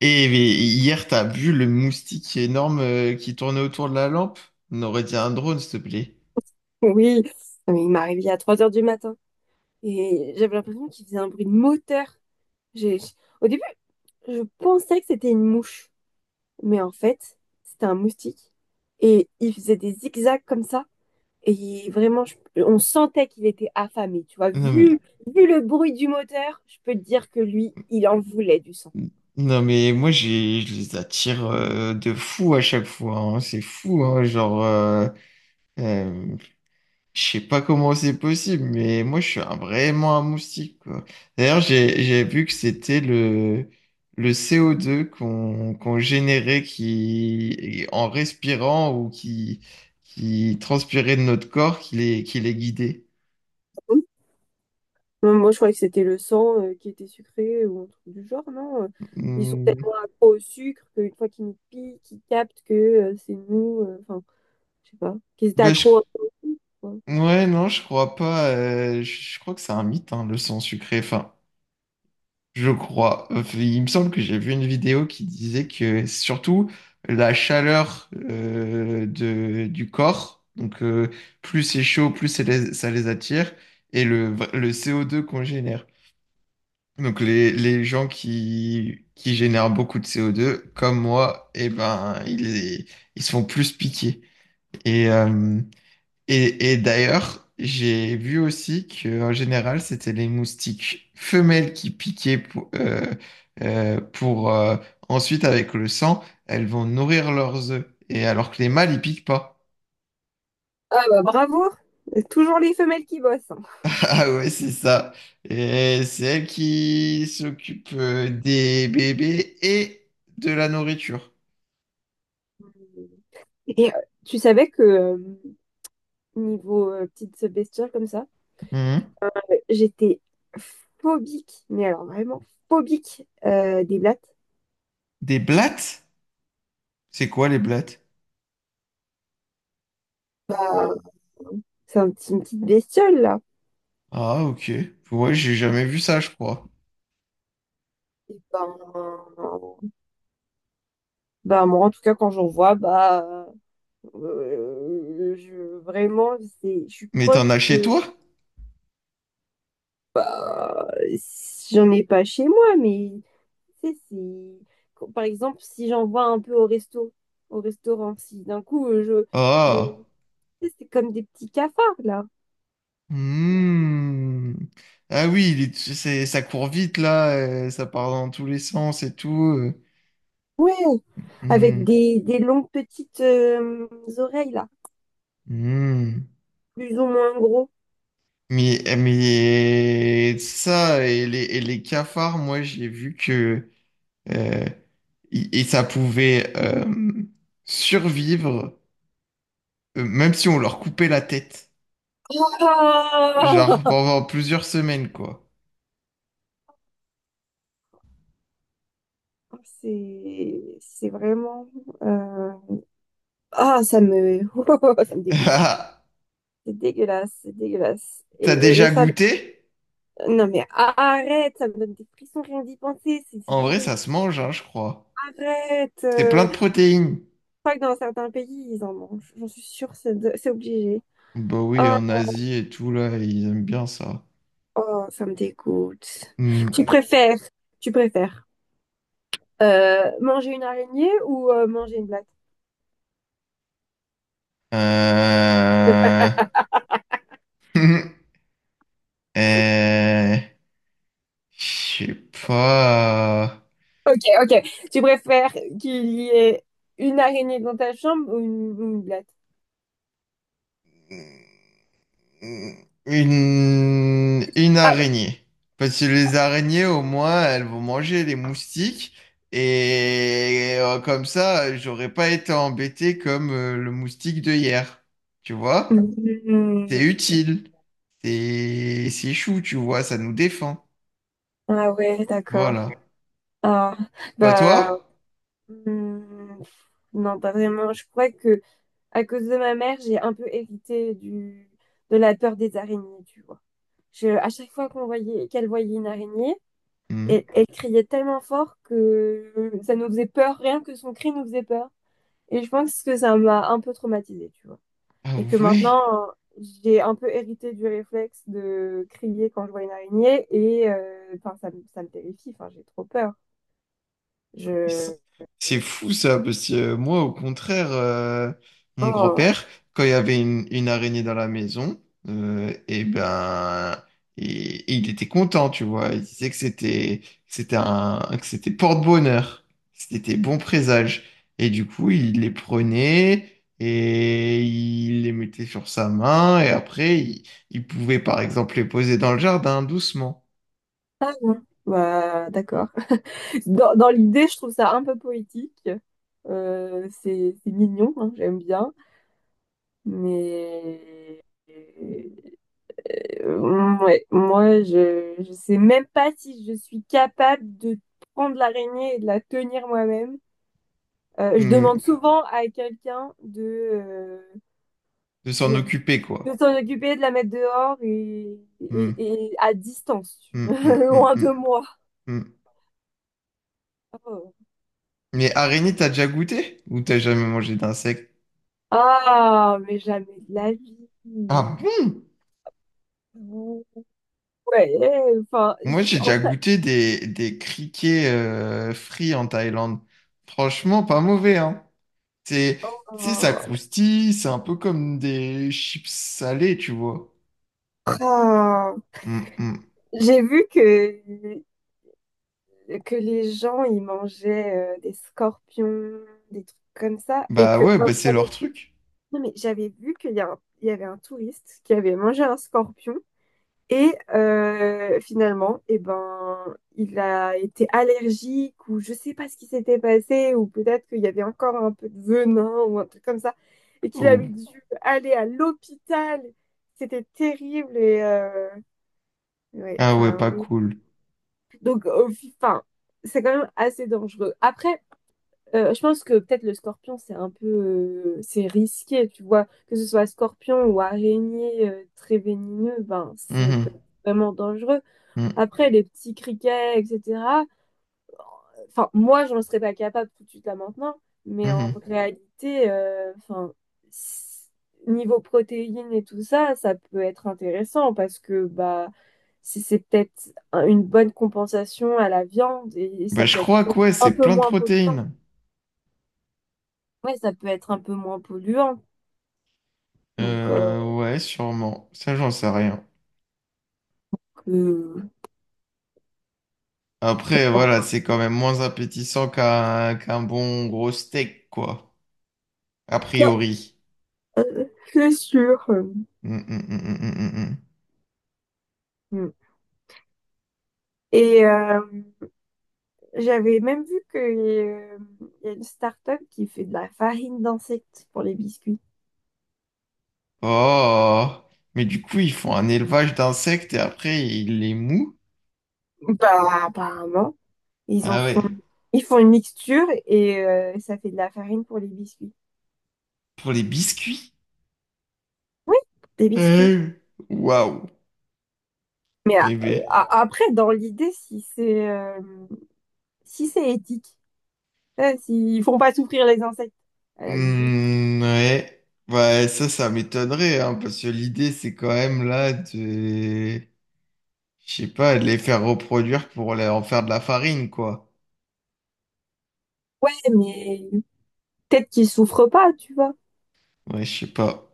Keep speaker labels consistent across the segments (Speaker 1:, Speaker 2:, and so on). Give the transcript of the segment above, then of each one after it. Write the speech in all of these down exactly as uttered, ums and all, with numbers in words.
Speaker 1: Et, et hier, t'as vu le moustique énorme euh, qui tournait autour de la lampe? On aurait dit un drone, s'il te plaît.
Speaker 2: Oui. Non, mais il m'a réveillée à trois heures du matin et j'avais l'impression qu'il faisait un bruit de moteur. J'ai... j'- Au début, je pensais que c'était une mouche, mais en fait, c'était un moustique. Et il faisait des zigzags comme ça. Et vraiment, je- on sentait qu'il était affamé, tu vois.
Speaker 1: Non mais,
Speaker 2: Vu, vu le bruit du moteur, je peux te dire que lui, il en voulait du sang.
Speaker 1: non mais moi, j'ai, je les attire euh, de fou à chaque fois, hein. C'est fou, hein, genre. euh, euh, Je sais pas comment c'est possible, mais moi je suis un- vraiment un moustique, quoi. D'ailleurs, j'ai j'ai vu que c'était le, le C O deux qu'on qu'on générait qui, en respirant ou qui, qui transpirait de notre corps qui les, qui les guidait.
Speaker 2: Hum. Euh, Moi, je croyais que c'était le sang euh, qui était sucré ou un truc du genre, non? euh, Ils sont
Speaker 1: Hmm.
Speaker 2: tellement accros au sucre qu'une fois qu'ils nous piquent, ils captent que euh, c'est nous. Euh, enfin, je sais pas. Qu'ils étaient
Speaker 1: Bah, je-
Speaker 2: accros. Ouais.
Speaker 1: ouais, non, je crois pas. euh, je je crois que c'est un mythe, hein, le sang sucré. Enfin, je crois. Euh, Il me semble que j'ai vu une vidéo qui disait que surtout la chaleur euh, de, du corps, donc euh, plus c'est chaud, plus c'est les- ça les attire, et le, le C O deux qu'on génère. Donc les, les gens qui, qui génèrent beaucoup de C O deux, comme moi, eh ben, ils, ils se font plus piquer. Et, euh, et, et d'ailleurs, j'ai vu aussi que en général, c'était les moustiques femelles qui piquaient pour, euh, euh, pour euh, ensuite, avec le sang, elles vont nourrir leurs œufs. Et alors que les mâles, ils piquent pas.
Speaker 2: Ah bah bravo! Toujours les femelles qui bossent, hein.
Speaker 1: Ah ouais, c'est ça. Et c'est elles qui s'occupent euh, des bébés et de la nourriture.
Speaker 2: Et euh, tu savais que euh, niveau euh, petite bestiole comme ça,
Speaker 1: Mhm.
Speaker 2: j'étais phobique, mais alors vraiment phobique euh, des blattes.
Speaker 1: Des blattes? C'est quoi les blattes?
Speaker 2: Ah, C'est un petit- une petite bestiole là.
Speaker 1: Ah, ok. Ouais, j'ai jamais vu ça, je crois.
Speaker 2: Et ben, bah, moi, en tout cas, quand j'en vois, bah, euh, je, vraiment, c'est, je suis
Speaker 1: Mais t'en
Speaker 2: proche
Speaker 1: as chez
Speaker 2: de.
Speaker 1: toi?
Speaker 2: euh, J'en ai pas chez moi, mais tu sais, c'est. quand- par exemple, si j'en vois un peu au resto, au restaurant, si d'un coup, euh, je, je,
Speaker 1: Ah.
Speaker 2: tu sais, c'est comme des petits cafards, là.
Speaker 1: Hmm. Ah oui, il est- c'est, ça court vite là, euh, ça part dans tous les sens et tout. euh.
Speaker 2: Oui,
Speaker 1: Hmm.
Speaker 2: avec des, des longues petites euh, oreilles, là,
Speaker 1: Hmm.
Speaker 2: plus ou moins gros.
Speaker 1: Mais, mais ça et les, et les cafards, moi j'ai vu que euh, et et ça pouvait euh, survivre, euh, même si on leur coupait la tête, genre
Speaker 2: Ah
Speaker 1: pendant plusieurs semaines quoi.
Speaker 2: c'est, c'est vraiment. euh, Ah, ça me, ça me dégoûte. C'est dégueulasse, c'est dégueulasse. Et,
Speaker 1: T'as
Speaker 2: et
Speaker 1: déjà
Speaker 2: ça,
Speaker 1: goûté?
Speaker 2: non mais arrête, ça me donne des frissons rien d'y penser, c'est c'est
Speaker 1: En vrai,
Speaker 2: dégueulasse.
Speaker 1: ça se mange, hein, je crois.
Speaker 2: Arrête.
Speaker 1: C'est plein
Speaker 2: Euh,
Speaker 1: de
Speaker 2: je
Speaker 1: protéines.
Speaker 2: crois que dans certains pays, ils en mangent. J'en suis sûre, c'est de- c'est obligé.
Speaker 1: Bah oui,
Speaker 2: Oh,
Speaker 1: en Asie et tout, là, ils aiment bien ça.
Speaker 2: oh, ça me dégoûte.
Speaker 1: Hmm.
Speaker 2: Tu préfères, tu préfères euh, manger une araignée ou euh, manger une blatte?
Speaker 1: Euh... Euh, je sais pas.
Speaker 2: Ok, ok. Tu préfères qu'il y ait une araignée dans ta chambre ou une, ou une blatte?
Speaker 1: Une... Une
Speaker 2: Ah, bah.
Speaker 1: araignée. Parce que les araignées, au moins, elles vont manger les moustiques. Et euh, comme ça, j'aurais pas été embêté comme euh, le moustique de hier. Tu vois?
Speaker 2: Mhm.
Speaker 1: C'est utile. C'est c'est chou, tu vois, ça nous défend.
Speaker 2: Ah ouais, d'accord.
Speaker 1: Voilà.
Speaker 2: Ah.
Speaker 1: Pas
Speaker 2: Bah
Speaker 1: toi?
Speaker 2: hmm, non, pas vraiment. Je crois que à cause de ma mère, j'ai un peu hérité du de la peur des araignées, tu vois. Je, à chaque fois qu'on voyait qu'elle voyait une araignée, elle,
Speaker 1: Mhm.
Speaker 2: elle criait tellement fort que ça nous faisait peur, rien que son cri nous faisait peur. Et je pense que ça m'a un peu traumatisée, tu vois.
Speaker 1: Ah
Speaker 2: Et que
Speaker 1: ouais,
Speaker 2: maintenant, euh, j'ai un peu hérité du réflexe de crier quand je vois une araignée et euh, enfin ça, me- ça me terrifie, enfin j'ai trop peur.
Speaker 1: c'est
Speaker 2: Je.
Speaker 1: c'est fou ça, parce que euh, moi au contraire, euh, mon
Speaker 2: Oh,
Speaker 1: grand-père, quand il y avait une, une araignée dans la maison, euh, eh ben, il, il était content, tu vois. Il disait que c'était, que c'était un, que c'était porte-bonheur, c'était bon présage. Et du coup, il les prenait et il les mettait sur sa main et après, il, il pouvait par exemple les poser dans le jardin doucement.
Speaker 2: ah, bah, d'accord. Dans, dans l'idée, je trouve ça un peu poétique. Euh, c'est c'est mignon, hein, j'aime bien. Mais euh, ouais, moi, je, je sais même pas si je suis capable de prendre l'araignée et de la tenir moi-même. Euh, je demande
Speaker 1: Mmh.
Speaker 2: souvent à quelqu'un de, euh,
Speaker 1: De s'en
Speaker 2: euh,
Speaker 1: occuper,
Speaker 2: de
Speaker 1: quoi.
Speaker 2: s'en occuper, de la mettre dehors et,
Speaker 1: Hmm,
Speaker 2: et, et à distance,
Speaker 1: hmm, hmm, hmm,
Speaker 2: loin
Speaker 1: hmm,
Speaker 2: de moi.
Speaker 1: hmm.
Speaker 2: Oh.
Speaker 1: Mais araignée, t'as déjà goûté? Ou t'as jamais mangé d'insectes?
Speaker 2: Ah, mais jamais de la vie.
Speaker 1: Ah bon?
Speaker 2: Ouais, euh, enfin, j-
Speaker 1: Moi, j'ai
Speaker 2: en
Speaker 1: déjà
Speaker 2: fait,
Speaker 1: goûté des, des criquets euh, frits en Thaïlande. Franchement, pas mauvais, hein. C'est, tu sais, ça
Speaker 2: euh,
Speaker 1: croustille, c'est un peu comme des chips salées, tu vois.
Speaker 2: ah,
Speaker 1: Hmm, hmm.
Speaker 2: j'ai vu que, que les gens, ils mangeaient euh, des scorpions, des trucs comme ça, et
Speaker 1: Bah
Speaker 2: que
Speaker 1: ouais,
Speaker 2: ah,
Speaker 1: bah c'est
Speaker 2: j'avais
Speaker 1: leur
Speaker 2: vu,
Speaker 1: truc.
Speaker 2: non, mais j'avais vu qu'il y a un- il y avait un touriste qui avait mangé un scorpion. Et euh, finalement, eh ben, il a été allergique ou je sais pas ce qui s'était passé ou peut-être qu'il y avait encore un peu de venin ou un truc comme ça et qu'il
Speaker 1: Oh.
Speaker 2: avait dû aller à l'hôpital. C'était terrible et euh, ouais,
Speaker 1: Ah ouais,
Speaker 2: enfin
Speaker 1: pas
Speaker 2: ouais.
Speaker 1: cool.
Speaker 2: Donc au fi- enfin, c'est quand même assez dangereux. Après, euh, je pense que peut-être le scorpion c'est un peu euh, c'est risqué, tu vois, que ce soit scorpion ou araignée euh, très vénéneux, ben ça peut être
Speaker 1: Mhm,
Speaker 2: vraiment dangereux.
Speaker 1: mhm,
Speaker 2: Après, les petits criquets, et cetera. Enfin, moi, j'en serais pas capable tout de suite là maintenant, mais en
Speaker 1: mhm.
Speaker 2: réalité, euh, enfin, s- niveau protéines et tout ça, ça peut être intéressant parce que bah, c'est c'est peut-être un- une bonne compensation à la viande et, et
Speaker 1: Bah
Speaker 2: ça
Speaker 1: je
Speaker 2: peut être
Speaker 1: crois que ouais,
Speaker 2: un
Speaker 1: c'est
Speaker 2: peu
Speaker 1: plein de
Speaker 2: moins polluant.
Speaker 1: protéines.
Speaker 2: Ouais, ça peut être un peu moins polluant. Donc, euh,
Speaker 1: Euh, ouais, sûrement. Ça, j'en sais rien.
Speaker 2: que-
Speaker 1: Après, voilà, c'est quand même moins appétissant qu'un qu'un bon gros steak, quoi. A priori.
Speaker 2: c'est sûr.
Speaker 1: Mm, mm, mm, mm, mm, mm, mm.
Speaker 2: Mm. Et euh, j'avais même vu qu'il y a une start-up qui fait de la farine d'insectes pour les biscuits.
Speaker 1: Oh! Mais du coup, ils font un élevage d'insectes et après, ils les mouent.
Speaker 2: Bah, apparemment, ils en
Speaker 1: Ah
Speaker 2: font,
Speaker 1: ouais.
Speaker 2: ils font une mixture et euh, ça fait de la farine pour les biscuits.
Speaker 1: Pour les biscuits?
Speaker 2: Oui, des biscuits.
Speaker 1: Euh, Waouh!
Speaker 2: Mais a-
Speaker 1: Eh ben.
Speaker 2: a- Après, dans l'idée, si c'est euh, si c'est éthique, euh, s'ils font pas souffrir les insectes, à la limite.
Speaker 1: Hmm, ouais. Ouais, ça, ça m'étonnerait, hein, parce que l'idée, c'est quand même là de... Je sais pas, les faire reproduire pour les- en faire de la farine, quoi.
Speaker 2: Ouais, mais peut-être qu'ils souffrent pas, tu vois.
Speaker 1: Ouais, je sais pas.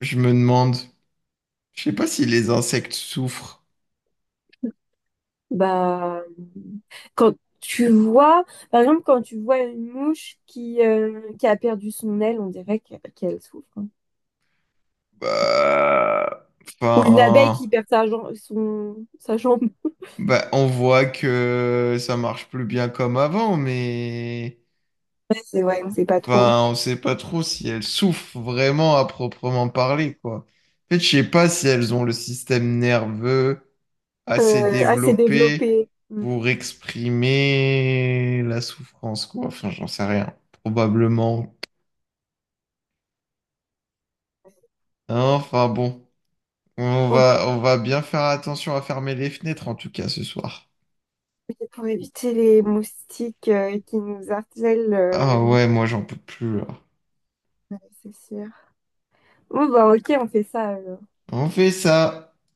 Speaker 1: Je me demande. Je sais pas si les insectes souffrent.
Speaker 2: Bah, quand tu vois, par exemple, quand tu vois une mouche qui, euh, qui a perdu son aile, on dirait que- qu'elle souffre, hein.
Speaker 1: Bah,
Speaker 2: Ou une abeille
Speaker 1: enfin,
Speaker 2: qui perd sa, jam- son, sa jambe.
Speaker 1: bah, on voit que ça marche plus bien comme avant, mais
Speaker 2: C'est ouais, on sait pas trop.
Speaker 1: enfin, on sait pas trop si elles souffrent vraiment à proprement parler, quoi. En fait, je sais pas si elles ont le système nerveux assez
Speaker 2: Euh, assez
Speaker 1: développé
Speaker 2: développé. Mm.
Speaker 1: pour exprimer la souffrance, quoi. Enfin, j'en sais rien. Probablement. Hein, enfin bon, on
Speaker 2: On-.
Speaker 1: va, on va bien faire attention à fermer les fenêtres en tout cas ce soir.
Speaker 2: Pour éviter les moustiques euh, qui nous harcèlent,
Speaker 1: Ah
Speaker 2: euh,
Speaker 1: ouais, moi j'en peux plus là.
Speaker 2: ouais, c'est sûr. Bon, bah, ok, on fait ça, alors.
Speaker 1: On fait ça.